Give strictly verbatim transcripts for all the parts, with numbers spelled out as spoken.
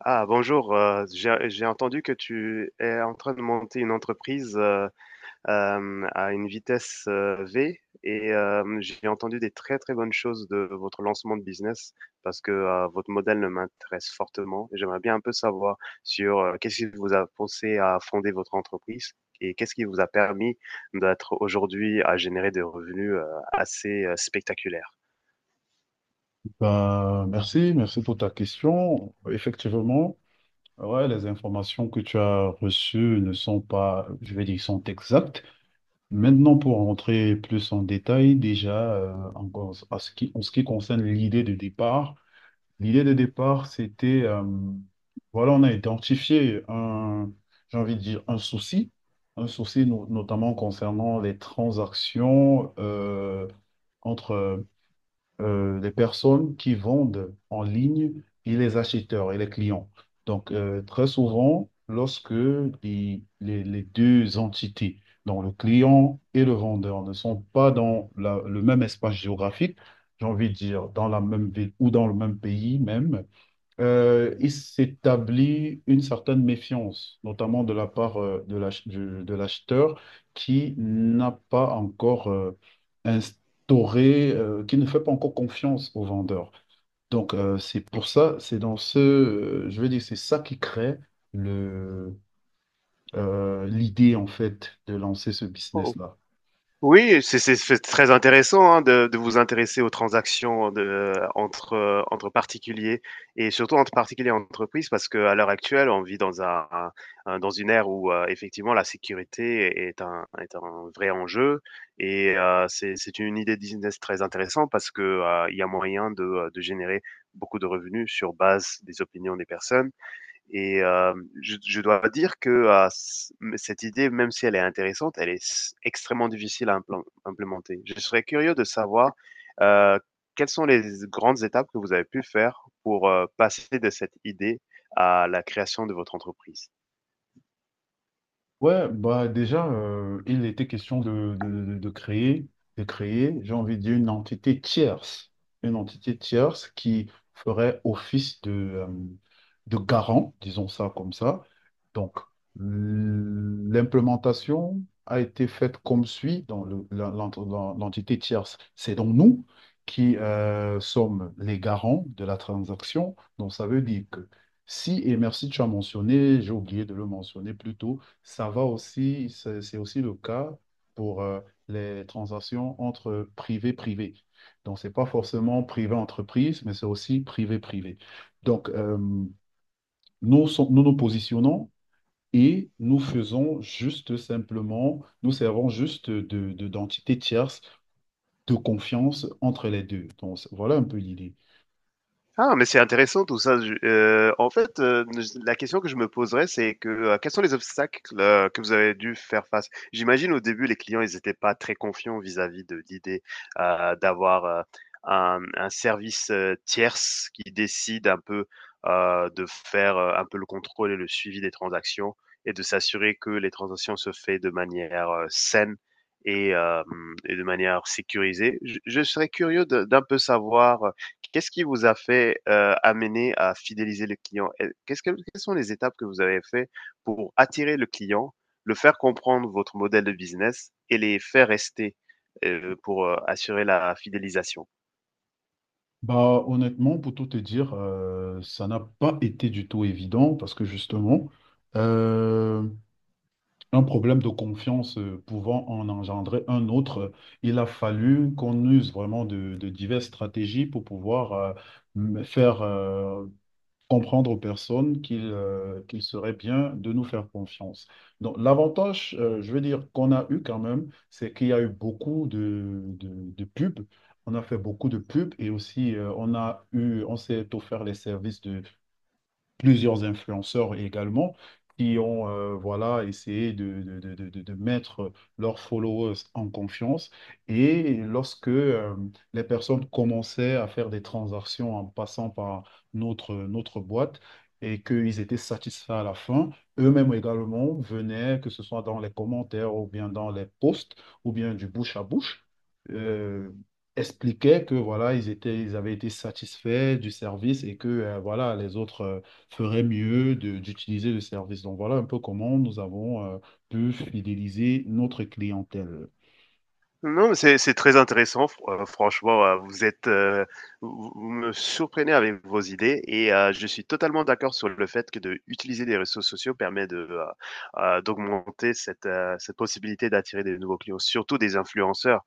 Ah, bonjour. euh, j'ai, j'ai entendu que tu es en train de monter une entreprise euh, euh, à une vitesse euh, V et euh, j'ai entendu des très très bonnes choses de votre lancement de business parce que euh, votre modèle ne m'intéresse fortement. J'aimerais bien un peu savoir sur euh, qu'est-ce qui vous a poussé à fonder votre entreprise et qu'est-ce qui vous a permis d'être aujourd'hui à générer des revenus euh, assez euh, spectaculaires. Ben, merci, merci pour ta question. Effectivement, ouais, les informations que tu as reçues ne sont pas, je vais dire, sont exactes. Maintenant, pour rentrer plus en détail, déjà, euh, encore à ce qui, en ce qui concerne l'idée de départ, l'idée de départ, c'était, euh, voilà, on a identifié un, j'ai envie de dire, un souci, un souci no- notamment concernant les transactions, euh, entre euh, les personnes qui vendent en ligne et les acheteurs et les clients. Donc, euh, très souvent, lorsque les, les- les deux entités, donc le client et le vendeur, ne sont pas dans la- le même espace géographique, j'ai envie de dire dans la même ville ou dans le même pays même, euh, il s'établit une certaine méfiance, notamment de la part euh, de l'ach- du- de l'acheteur qui n'a pas encore euh, instauré, euh, qui ne fait pas encore confiance au vendeur. Donc, euh, c'est pour ça, c'est dans ce, euh, je veux dire, c'est ça qui crée le, euh, l'idée, en fait, de lancer ce business-là. Oui, c'est c'est c'est très intéressant, hein, de de vous intéresser aux transactions de entre, heu, entre particuliers et surtout entre particuliers et entreprises parce qu'à l'heure actuelle, on vit dans un un un dans une ère où, heu, effectivement la sécurité est un est un vrai enjeu et heu, c'est c'est une idée de business très intéressante parce que, heu, il y a moyen de, heu, de générer beaucoup de revenus sur base des opinions des personnes et euh, je, je dois dire que euh, c- cette idée, même si elle est intéressante, elle est s- extrêmement difficile à implan- implémenter. Je serais curieux de savoir euh, quelles sont les grandes étapes que vous avez pu faire pour euh, passer de cette idée à la création de votre entreprise. Ouais, bah déjà, euh, il était question de, de, de- de créer, de créer, j'ai envie de dire, une entité tierce, une entité tierce qui ferait office de, euh, de garant, disons ça comme ça. Donc, l- l'implémentation a été faite comme suit dans le- la- l'ent- dans l'entité tierce. C'est donc nous qui euh, sommes les garants de la transaction. Donc, ça veut dire que si, et merci, tu as mentionné, j'ai oublié de le mentionner plus tôt, ça va aussi, c'est c'est aussi le cas pour euh, les transactions entre privé-privé. Donc, ce n'est pas forcément privé-entreprise, mais c'est aussi privé-privé. Donc, euh, nous, sont- nous nous positionnons et nous faisons juste simplement, nous servons juste de, de- d'entité tierce de confiance entre les deux. Donc, c'est- voilà un peu l'idée. Ah, mais c'est intéressant tout ça. Je- euh, en fait, euh, je- la question que je me poserais, c'est que euh, quels sont les obstacles euh, que vous avez dû faire face? J'imagine au début, les clients, ils n'étaient pas très confiants vis-à-vis de l'idée euh, d'avoir euh, un, un service euh, tierce qui décide un peu euh, de faire euh, un peu le contrôle et le suivi des transactions et de s'assurer que les transactions se fait de manière euh, saine et, euh, et de manière sécurisée. Je, je serais curieux de- d'un peu savoir. Qu'est-ce qui vous a fait, heu, amener à fidéliser le client? Et qu'est-ce que quelles sont les étapes que vous avez fait pour attirer le client, le faire comprendre votre modèle de business et les faire rester, heu, pour, heu, assurer la fidélisation? Bah, honnêtement, pour tout te dire, euh, ça n'a pas été du tout évident parce que justement, euh, un problème de confiance euh, pouvant en engendrer un autre, il a fallu qu'on use vraiment de, de diverses stratégies pour pouvoir euh, m- faire euh, comprendre aux personnes qu'il euh, qu'il serait bien de nous faire confiance. Donc l'avantage, euh, je veux dire, qu'on a eu quand même, c'est qu'il y a eu beaucoup de, de, de pubs. On a fait beaucoup de pubs et aussi euh, on a eu, on s'est offert les services plusieurs influenceurs également qui ont euh, voilà, essayé de, de, de- de- de- de mettre leurs followers en confiance. Et lorsque euh, les personnes commençaient à faire des transactions en passant par notre, notre boîte et qu'ils étaient satisfaits à la fin, eux-mêmes également venaient, que ce soit dans les commentaires ou bien dans les posts ou bien du bouche à bouche. euh, expliquaient que voilà ils étaient ils avaient été satisfaits du service et que euh, voilà les autres euh, ferait mieux de- d'utiliser le service. Donc voilà un peu comment nous avons euh, pu fidéliser notre clientèle. Non, mais c'est c'est très intéressant fr heu, franchement, heu, vous êtes, heu, vous vous me surprenez avec vos idées et heu, je suis totalement d'accord sur le fait que de utiliser les réseaux sociaux permet de, heu heu, d'augmenter cette, heu, cette possibilité d'attirer des nouveaux clients, surtout des influenceurs.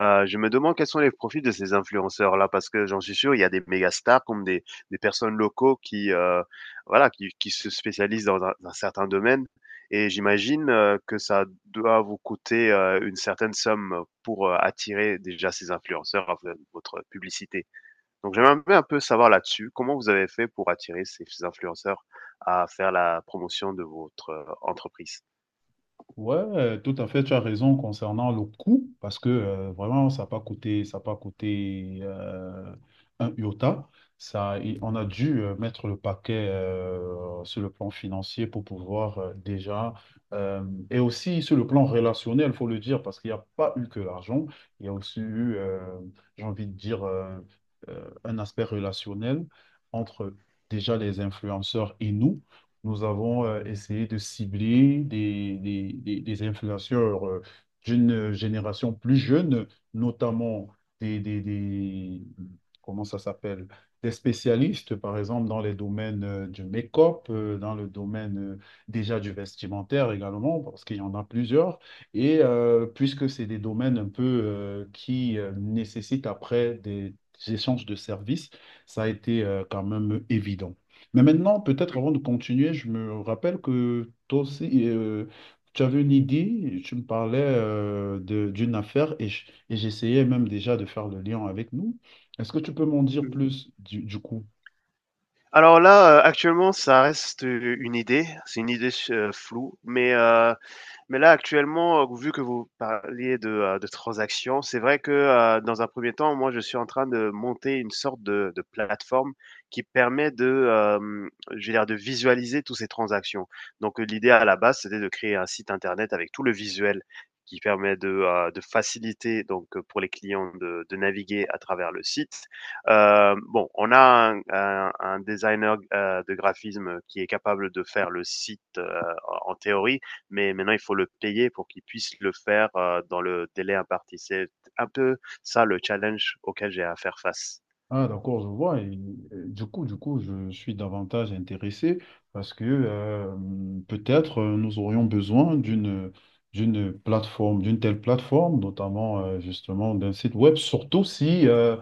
Heu, je me demande quels sont les profils de ces influenceurs-là, parce que j'en suis sûr, il y a des méga stars comme des des personnes locaux qui, heu, voilà, qui qui se spécialisent dans un un certain domaine et j'imagine, heu, que ça doit vous coûter, heu, une certaine somme pour, heu, attirer déjà ces influenceurs à v votre publicité. Donc j'aimerais un peu savoir là-dessus, comment vous avez fait pour attirer ces influenceurs à faire la promotion de votre euh, entreprise? Ouais, euh, tout à fait, tu as raison concernant le coût, parce que euh, vraiment, ça n'a pas coûté, ça a pas coûté euh, un iota. Ça, et on a dû euh, mettre le paquet euh, sur le plan financier pour pouvoir euh, déjà, euh, et aussi sur le plan relationnel, il faut le dire, parce qu'il n'y a pas eu que l'argent, il y a aussi eu, euh, j'ai envie de dire, euh, euh, un aspect relationnel entre déjà les influenceurs et nous. Nous avons euh, essayé de cibler des, des- des- des influenceurs euh, d'une génération plus jeune, notamment des, des- des- comment ça s'appelle, des spécialistes, par exemple, dans les domaines euh, du make-up, euh, dans le domaine euh, déjà du vestimentaire également, parce qu'il y en a plusieurs. Et euh, puisque c'est des domaines un peu euh, qui euh, nécessitent après des échanges de services, ça a été euh, quand même évident. Mais maintenant, peut-être avant de continuer, je me rappelle que toi aussi, euh, tu avais une idée, tu me parlais euh, de- d'une affaire et je- et j'essayais même déjà de faire le lien avec nous. Est-ce que tu peux m'en dire plus du, du coup? Alors là, heu, actuellement, ça reste, euh, une idée. C'est une idée s floue, mais heu mais là, actuellement, heu, vu que vous parliez de, heu, de transactions, c'est vrai que, heu, dans un premier temps, moi, je suis en train de monter une sorte de de plateforme qui permet de, hem, je veux dire, de visualiser toutes ces transactions. Donc, heu, l'idée à la base, c'était de créer un site internet avec tout le visuel qui permet de, heu, de faciliter donc, heu, pour les clients de de naviguer à travers le site. Hem, bon, on a un un un designer, heu, de graphisme qui est capable de faire le site, heu, en en théorie, mais maintenant il faut le payer pour qu'il puisse le faire euh, dans le délai imparti. C'est un peu ça le challenge auquel j'ai à faire face. Ah, d'accord, je vois. Et, euh, du coup, du coup, je suis davantage intéressé parce que euh, peut-être euh, nous aurions besoin d'une d'une plateforme, d'une telle plateforme, notamment euh, justement d'un site web, surtout si euh,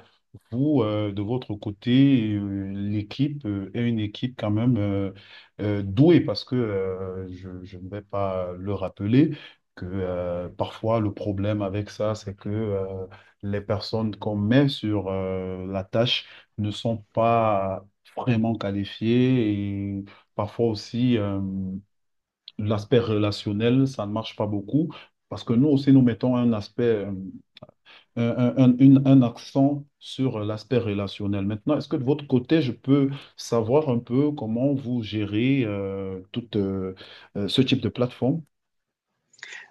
vous, euh, de votre côté, euh, l'équipe euh, est une équipe quand même euh, euh, douée parce que euh, je, je ne vais pas le rappeler. Que euh, parfois le problème avec ça, c'est que euh, les personnes qu'on met sur euh, la tâche ne sont pas vraiment qualifiées et parfois aussi euh, l'aspect relationnel, ça ne marche pas beaucoup parce que nous aussi nous mettons un aspect, euh, un, un- un- une- un accent sur l'aspect relationnel. Maintenant, est-ce que de votre côté, je peux savoir un peu comment vous gérez euh, toute, euh, euh, ce type de plateforme?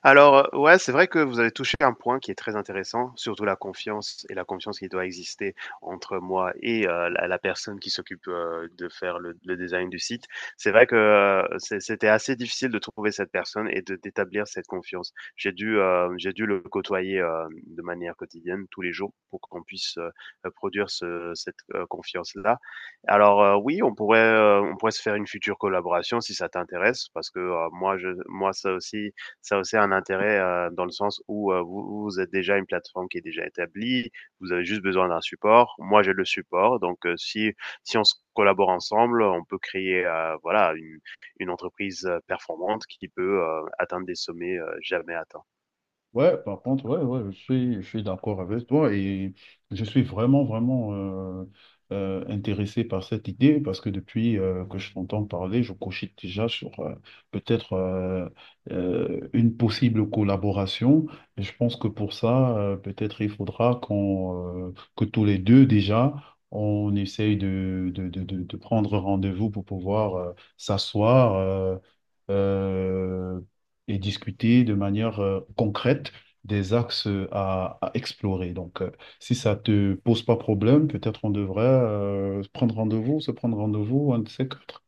Alors, heu, ouais, c'est vrai que vous avez touché un point qui est très intéressant, surtout la confiance et la confiance qui doit exister entre moi et heu, la la personne qui s'occupe, heu, de faire le le design du site. C'est vrai que, heu, c'est c'était assez difficile de trouver cette personne et de d'établir cette confiance. J'ai dû, heu, j'ai dû le côtoyer, hem, de manière quotidienne, tous les jours, pour qu'on puisse, heu produire ce cette, heu, confiance-là. Alors, heu, oui, on pourrait, heu, on pourrait se faire une future collaboration si ça t'intéresse parce que, heu, moi je moi ça aussi ça a aussi un intérêt euh, dans le sens où euh, vous, vous êtes déjà une plateforme qui est déjà établie, vous avez juste besoin d'un support. Moi, j'ai le support, donc euh, si si on se collabore ensemble, on peut créer euh, voilà une, une entreprise euh, performante qui peut euh, atteindre des sommets euh, jamais atteints. Ouais, par contre, ouais, ouais, je suis, je suis d'accord avec toi et je suis vraiment, vraiment euh, euh, intéressé par cette idée parce que depuis euh, que je t'entends parler, je cochite déjà sur euh, peut-être euh, euh, une possible collaboration. Et je pense que pour ça, euh, peut-être il faudra qu'on, euh, que tous les deux déjà, on essaye de, de, de, de, de prendre rendez-vous pour pouvoir euh, s'asseoir. euh, euh, et discuter de manière euh, concrète des axes euh, à, à explorer. Donc, euh, si ça te pose pas problème, peut-être on devrait euh, prendre rendez-vous, se prendre rendez-vous, un de ces quatre.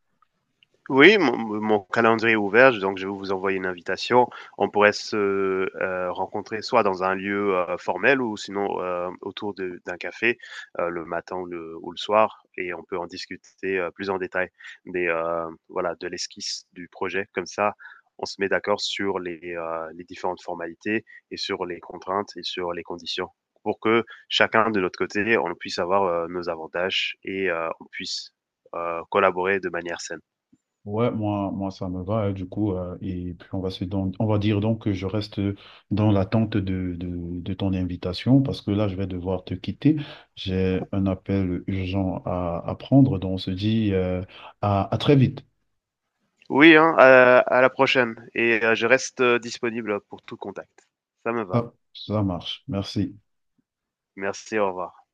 Oui, mon mon calendrier est ouvert, donc je vais vous envoyer une invitation. On pourrait se, heu, rencontrer soit dans un lieu, heu, formel ou sinon, heu, autour de d'un café, heu, le matin ou le ou le soir et on peut en discuter, heu, plus en détail des, heu, voilà, de l'esquisse du projet. Comme ça, on se met d'accord sur les, heu, les différentes formalités et sur les contraintes et sur les conditions pour que chacun de notre côté, on puisse avoir, heu, nos avantages et heu, on puisse, heu, collaborer de manière saine. Ouais, moi, moi, ça me va, hein, du coup. Euh, et puis, on va se don- on va dire donc que je reste dans l'attente de, de, de ton invitation parce que là, je vais devoir te quitter. J'ai un appel urgent à, à prendre, donc on se dit euh, à, à très vite. Oui, hein, à, à la prochaine. Et euh, je reste euh, disponible pour tout contact. Ça me va. Ah, ça marche. Merci. Merci, au revoir.